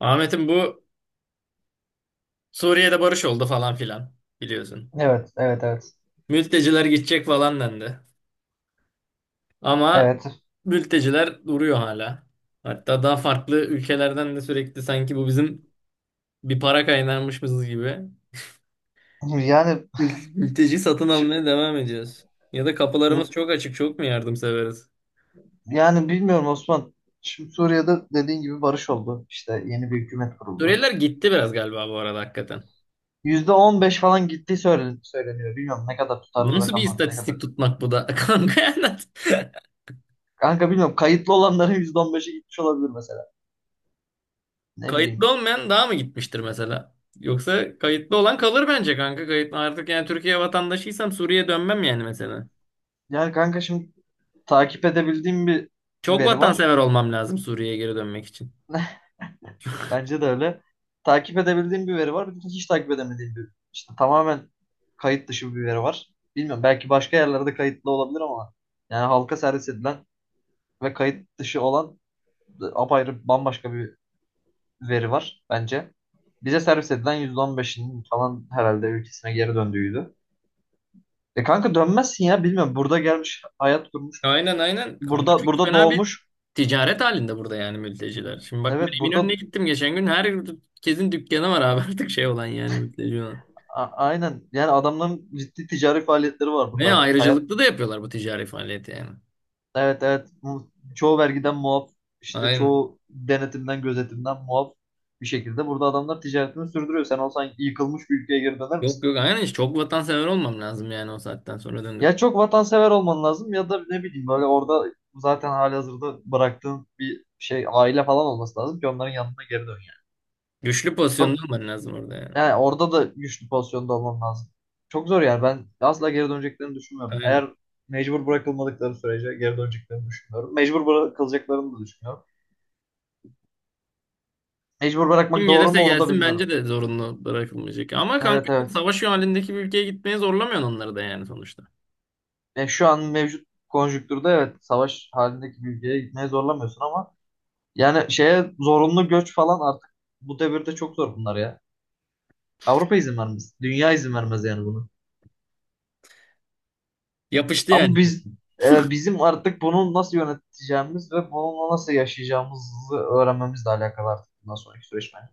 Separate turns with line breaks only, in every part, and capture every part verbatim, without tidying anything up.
Ahmet'im bu. Suriye'de barış oldu falan filan, biliyorsun.
Evet, evet, evet.
Mülteciler gidecek falan dendi. Ama
Evet.
mülteciler duruyor hala. Hatta daha farklı ülkelerden de sürekli sanki bu bizim bir para kaynağımışız gibi.
Yani
mül- Mülteci satın
şimdi,
almaya devam ediyoruz. Ya da kapılarımız çok açık, çok mu yardımseveriz?
yani bilmiyorum Osman. Şimdi Suriye'de dediğin gibi barış oldu. İşte yeni bir hükümet kuruldu.
Suriyeliler gitti biraz galiba bu arada hakikaten.
Yüzde on beş falan gittiği söylen- söyleniyor. Bilmiyorum ne kadar tutarlı
Nasıl bir
rakamlar ne kadar.
istatistik tutmak bu da kanka? Yani?
Kanka bilmiyorum kayıtlı olanların yüzde on beşi gitmiş olabilir mesela. Ne bileyim.
Kayıtlı olmayan daha mı gitmiştir mesela? Yoksa kayıtlı olan kalır bence kanka. Kayıtlı artık, yani Türkiye vatandaşıysam Suriye'ye dönmem yani mesela.
Yani kanka şimdi takip edebildiğim bir
Çok
veri var.
vatansever olmam lazım Suriye'ye geri dönmek için.
Bence de öyle. Takip edebildiğim bir veri var. Bir de hiç takip edemediğim bir işte tamamen kayıt dışı bir veri var. Bilmiyorum, belki başka yerlerde kayıtlı olabilir ama yani halka servis edilen ve kayıt dışı olan apayrı bambaşka bir veri var bence. Bize servis edilen yüzde on beşinin falan herhalde ülkesine geri döndüğüydü. E kanka dönmezsin ya, bilmiyorum. Burada gelmiş, hayat kurmuş.
Aynen, aynen. Kanka
Burada
çok
burada
fena bir
doğmuş.
ticaret halinde burada yani mülteciler. Şimdi bak,
Evet,
ben
burada
Eminönü'ne gittim geçen gün. Herkesin dükkanı var abi artık şey olan, yani mülteci olan.
a- aynen. Yani adamların ciddi ticari faaliyetleri var burada
Ve
artık. Hayat.
ayrıcalıklı da yapıyorlar bu ticari faaliyeti yani.
Evet, evet. Bu. Çoğu vergiden muaf, işte
Aynen.
çoğu denetimden, gözetimden muaf bir şekilde burada adamlar ticaretini sürdürüyor. Sen olsan yıkılmış bir ülkeye geri döner
Yok
misin?
yok, aynen, hiç, çok vatansever olmam lazım yani o saatten sonra döndük.
Ya çok vatansever olman lazım ya da ne bileyim, böyle orada zaten halihazırda bıraktığın bir şey, aile falan olması lazım ki onların yanına geri dön yani.
Güçlü pozisyonda
Çok,
olman lazım orada yani.
yani orada da güçlü pozisyonda olman lazım. Çok zor yani, ben asla geri döneceklerini düşünmüyorum.
Aynen.
Eğer mecbur bırakılmadıkları sürece geri döneceklerini düşünmüyorum. Mecbur bırakılacaklarını da düşünmüyorum. Mecbur bırakmak
Kim
doğru mu,
gelirse
onu da
gelsin
bilmiyorum.
bence de zorunlu bırakılmayacak. Ama kanka
Evet, evet.
savaş halindeki bir ülkeye gitmeye zorlamıyorsun onları da yani sonuçta.
E, şu an mevcut konjüktürde, evet, savaş halindeki bir ülkeye gitmeye zorlamıyorsun ama yani şeye, zorunlu göç falan artık bu devirde çok zor bunlar ya. Avrupa izin vermez. Dünya izin vermez yani bunu.
Yapıştı
Ama
yani.
biz, e, bizim artık bunu nasıl yöneteceğimiz ve bununla nasıl yaşayacağımızı öğrenmemizle alakalı artık bundan sonraki süreç bence.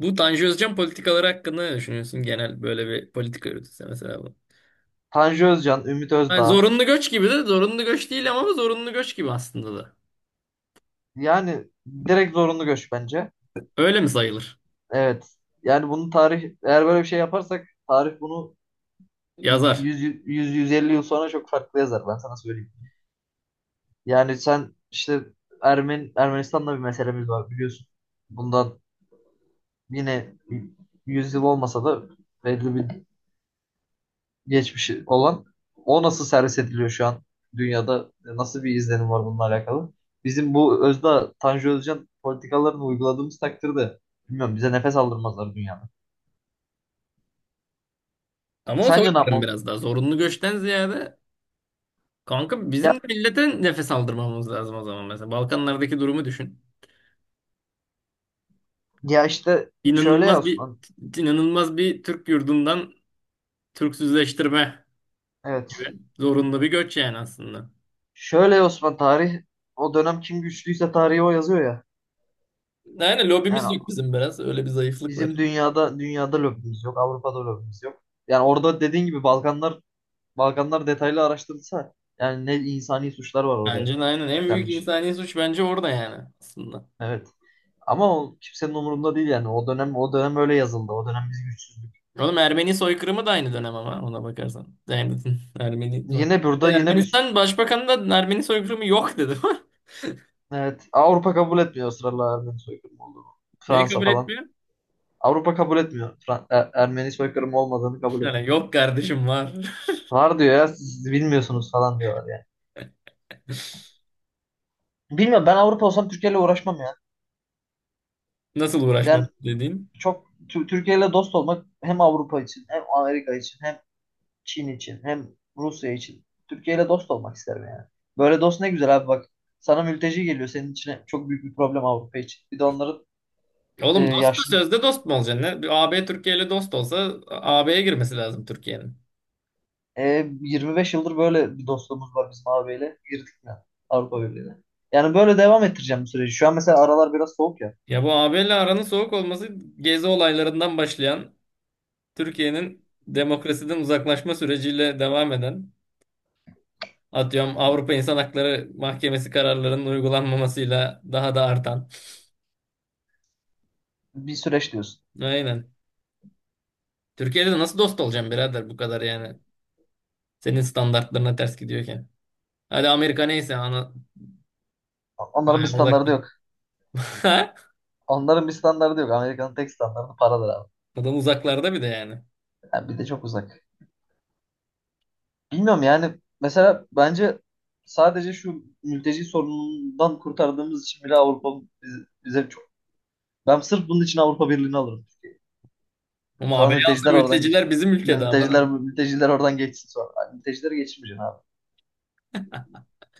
Bu Tanju Özcan politikaları hakkında ne düşünüyorsun? Genel böyle bir politika yürütülse mesela bu.
Tanju Özcan, Ümit
Hani
Özdağ,
zorunlu göç gibi de, zorunlu göç değil ama zorunlu göç gibi aslında da.
yani direkt zorunlu göç bence.
Öyle mi sayılır?
Evet. Yani bunu tarih, eğer böyle bir şey yaparsak tarih bunu
Yazar.
yüz, yüz, yüz elli yıl sonra çok farklı yazar, ben sana söyleyeyim. Yani sen işte Ermen, Ermenistan'da bir meselemiz var, biliyorsun. Bundan yine yüz yıl olmasa da belli bir geçmişi olan, o nasıl servis ediliyor şu an dünyada, nasıl bir izlenim var bununla alakalı? Bizim bu Özda Tanju Özcan politikalarını uyguladığımız takdirde, bilmiyorum, bize nefes aldırmazlar dünyada.
Ama o
Sence ne
soykırım
yapmam?
biraz daha. Zorunlu göçten ziyade kanka bizim de
Ya,
millete nefes aldırmamız lazım o zaman mesela. Balkanlardaki durumu düşün.
ya işte şöyle ya
İnanılmaz bir
Osman.
inanılmaz bir Türk yurdundan Türksüzleştirme
Evet.
gibi. Zorunlu bir göç yani aslında.
Şöyle Osman, tarih o dönem kim güçlüyse tarihi o yazıyor ya.
Aynen, lobimiz
Yani
yok bizim biraz. Öyle bir zayıflık var.
bizim dünyada dünyada lobimiz yok, Avrupa'da lobimiz yok. Yani orada dediğin gibi Balkanlar Balkanlar detaylı araştırılsa, yani ne insani suçlar var orada
Bence de aynen. En büyük
işlenmiş.
insani suç bence orada yani aslında.
Evet. Ama o kimsenin umurunda değil yani. O dönem o dönem öyle yazıldı. O dönem biz güçsüzdük.
Oğlum Ermeni soykırımı da aynı dönem ama ona bakarsan. Yani Ermeni soy-
Yine burada yine bir,
Ermenistan Başbakanı da Ermeni soykırımı yok dedi.
evet, Avrupa kabul etmiyor ısrarla Ermeni soykırımı olduğunu.
Neyi
Fransa
kabul
falan.
etmiyor?
Avrupa kabul etmiyor. Fran- Er- Ermeni soykırımı olmadığını kabul
Yani
etmiyor.
yok kardeşim, var.
Var diyor ya, siz bilmiyorsunuz falan diyorlar yani. Bilmiyorum, ben Avrupa olsam Türkiye ile uğraşmam ya.
Nasıl uğraşmam
Ben
dediğin.
çok Tü- Türkiye ile dost olmak, hem Avrupa için, hem Amerika için, hem Çin için, hem Rusya için. Türkiye ile dost olmak isterim yani. Böyle dost ne güzel abi, bak. Sana mülteci geliyor senin içine, çok büyük bir problem Avrupa için. Bir de onların e,
Oğlum dost da
yaşlı,
sözde dost mu olacaksın? Ne? Bir A B Türkiye ile dost olsa A B'ye girmesi lazım Türkiye'nin.
e, yirmi beş yıldır böyle bir dostluğumuz var bizim abiyle. Girdik mi Avrupa Birliği'ne? Yani böyle devam ettireceğim bu süreci. Şu an mesela aralar biraz soğuk ya.
Ya bu A B ile aranın soğuk olması, gezi olaylarından başlayan, Türkiye'nin demokrasiden uzaklaşma süreciyle devam eden, atıyorum Avrupa İnsan Hakları Mahkemesi kararlarının uygulanmamasıyla daha da artan.
Bir süreç diyorsun.
Aynen. Türkiye'de de nasıl dost olacağım birader bu kadar yani. Senin standartlarına ters gidiyorken. Hadi Amerika neyse, ana
Onların bir
uzakta.
standardı yok. Onların bir standardı yok. Amerika'nın tek standardı paradır abi.
Adam uzaklarda bir de yani.
Yani bir de çok uzak. Bilmiyorum, yani mesela bence sadece şu mülteci sorunundan kurtardığımız için bile Avrupa bize, bize çok... Ben sırf bunun için Avrupa Birliği'ni alırım.
Ama A B'ye
Sonra
alsa
mülteciler oradan
mülteciler
geçsin.
bizim ülkede
Mülteciler,
aman.
mülteciler oradan geçsin sonra. Yani mültecilere geçmeyeceksin abi.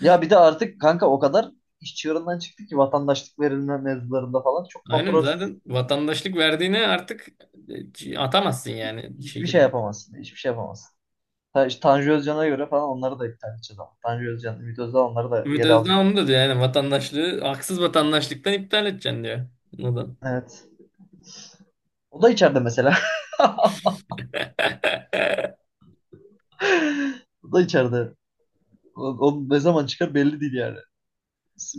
Ya bir de artık kanka o kadar iş çığırından çıktı ki, vatandaşlık verilme mevzularında falan çok
Aynen,
kontrolsüz,
zaten vatandaşlık verdiğine artık e, atamazsın yani bir
hiçbir şey
şekilde.
yapamazsın. Hiçbir şey yapamazsın. Ta- işte Tanju Özcan'a göre falan onları da iptal edeceğiz ama. Tanju Özcan, Ümit Özdağ onları da
Ümit
geri
Özdağ
alacak.
onu da diyor, yani vatandaşlığı haksız vatandaşlıktan iptal edeceksin diyor. Neden?
Evet. O da içeride mesela. O da içeride. O, o ne zaman çıkar belli değil yani.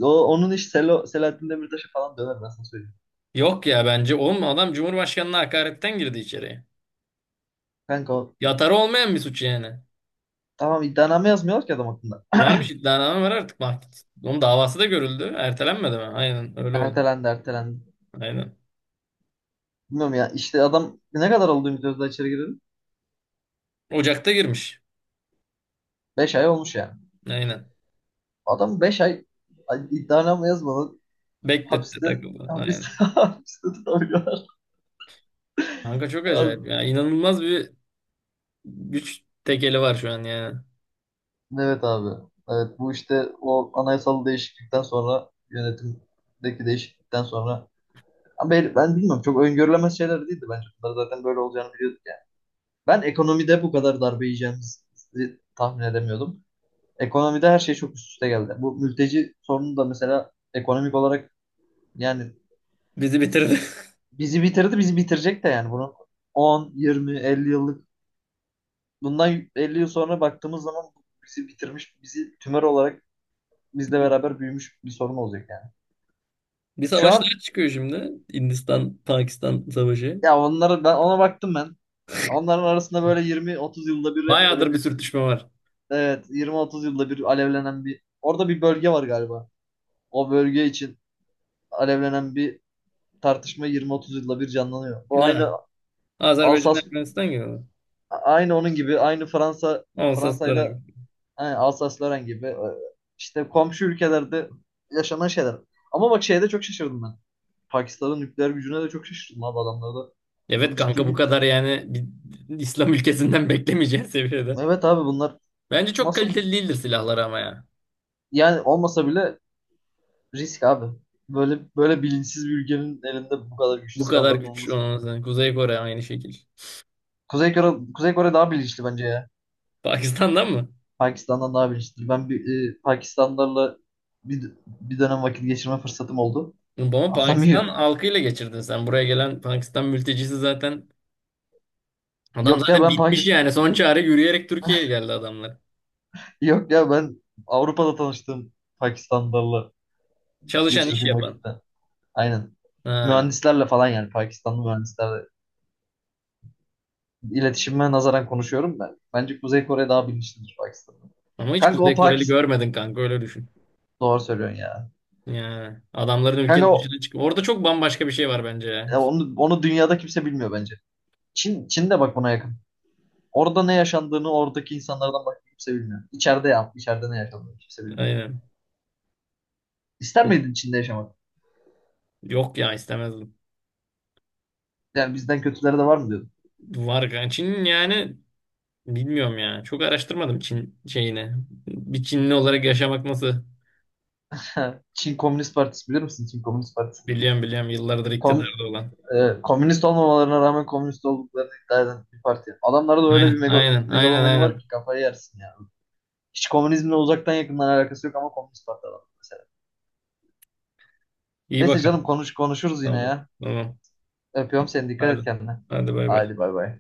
O, onun iş Selo, Selahattin Demirtaş'a falan döner, ben sana söyleyeyim.
Yok ya, bence oğlum adam Cumhurbaşkanı'na hakaretten girdi içeriye.
Kanka o,
Yatarı olmayan bir suç yani.
tamam, iddianame yazmıyorlar ki adam hakkında.
Varmış, iddianame var artık, mahkeme. Onun davası da görüldü. Ertelenmedi mi? Aynen öyle oldu.
Ertelendi, ertelendi.
Aynen.
Bilmiyorum ya, işte adam ne kadar oldu Ümit Özdağ içeri girdi?
Ocak'ta girmiş.
Beş ay olmuş yani.
Aynen.
Adam beş ay ay- iddianame yazmadan
Bekletti,
hapiste
takıldı.
hapiste
Aynen.
hapiste tutamıyorlar.
Kanka çok
Abi.
acayip ya. İnanılmaz bir güç tekeli var şu an yani.
Evet abi. Evet, bu işte o anayasal değişiklikten sonra, yönetimdeki değişiklikten sonra. Ama ben, ben bilmiyorum, çok öngörülemez şeyler değildi bence. Bunlar zaten böyle olacağını biliyorduk yani. Ben ekonomide bu kadar darbe yiyeceğimizi tahmin edemiyordum. Ekonomide her şey çok üst üste geldi. Bu mülteci sorunu da mesela ekonomik olarak, yani
Bizi bitirdi.
bizi bitirdi, bizi bitirecek de yani, bunu on, yirmi, elli yıllık, bundan elli yıl sonra baktığımız zaman bizi bitirmiş, bizi tümör olarak bizle beraber büyümüş bir sorun olacak yani.
Bir
Şu an,
savaşlar çıkıyor şimdi. Hindistan-Pakistan savaşı.
ya onları ben ona baktım ben. Onların arasında böyle yirmi otuz yılda bir hep böyle
Bayağıdır bir
bir sürü-
sürtüşme var.
evet, yirmi otuz yılda bir alevlenen, bir orada bir bölge var galiba. O bölge için alevlenen bir tartışma yirmi otuz yılda bir canlanıyor. Bu
Ha.
aynı
Azerbaycan
Alsas,
Ermenistan gibi mi?
aynı onun gibi, aynı Fransa
Olsa
Fransa'yla,
dönem.
aynı Alsas-Lorraine gibi, e, işte komşu ülkelerde yaşanan şeyler. Ama bak, şeyde çok şaşırdım ben. Pakistan'ın nükleer gücüne de çok şaşırdım abi, adamlarda.
Evet
Çok ciddi
kanka bu
bir.
kadar yani, bir İslam ülkesinden beklemeyeceğin seviyede.
Evet abi, bunlar
Bence çok
nasıl.
kaliteli değildir silahları ama ya.
Yani olmasa bile risk abi. Böyle böyle bilinçsiz bir ülkenin elinde bu kadar güçlü
Bu kadar
silahların
güç
olması.
olmasın. Kuzey Kore aynı şekil.
Kuzey Kore, Kuzey Kore daha bilinçli bence ya.
Pakistan'dan mı?
Pakistan'dan daha bilinçli. Ben bir, e, Pakistanlılarla bir, bir dönem vakit geçirme fırsatım oldu.
Ama Pakistan
Anlamıyor.
halkıyla geçirdin sen. Buraya gelen Pakistan mültecisi zaten, adam
Yok ya
zaten
ben
bitmiş yani.
Pakistan
Son çare yürüyerek Türkiye'ye geldi adamlar.
yok ya ben Avrupa'da tanıştığım Pakistanlılarla
Çalışan, iş
geçirdiğim
yapan.
vakitte. Aynen.
Ha.
Mühendislerle falan, yani Pakistanlı mühendislerle. İletişime nazaran konuşuyorum ben. Bence Kuzey Kore daha bilinçlidir Pakistan'dan.
Ama hiç
Kanka o
Kuzey Koreli
Pakistan.
görmedin kanka, öyle düşün.
Doğru söylüyorsun ya.
Yani adamların,
Kanka
ülkenin
o,
dışına çık. Orada çok bambaşka bir şey var bence ya.
ya onu, onu dünyada kimse bilmiyor bence. Çin, Çin de bak buna yakın. Orada ne yaşandığını oradaki insanlardan, bak, kimse bilmiyor. İçeride ya, içeride ne yaşandığını kimse bilmiyor.
Aynen.
İster
Çok,
miydin Çin'de yaşamak?
yok ya, istemezdim.
Yani bizden kötüleri de var mı diyordun?
Var yani, Çin'in yani bilmiyorum ya. Çok araştırmadım Çin şeyini. Bir Çinli olarak yaşamak nasıl?
Çin Komünist Partisi, bilir misin? Çin Komünist Partisi.
Biliyorum biliyorum, yıllardır
Kom,
iktidarda olan.
e, Komünist olmamalarına rağmen komünist olduklarını iddia eden bir parti. Adamlarda da öyle
Aynen
bir mega,
aynen aynen
megalomani var
aynen.
ki kafayı yersin ya. Hiç komünizmle uzaktan yakından alakası yok ama komünist parti adam mesela.
İyi
Neyse
bakalım.
canım, konuş konuşuruz yine
Tamam.
ya.
Tamam.
Öpüyorum seni. Dikkat
Hadi.
et kendine.
Hadi bay bay.
Hadi bay bay.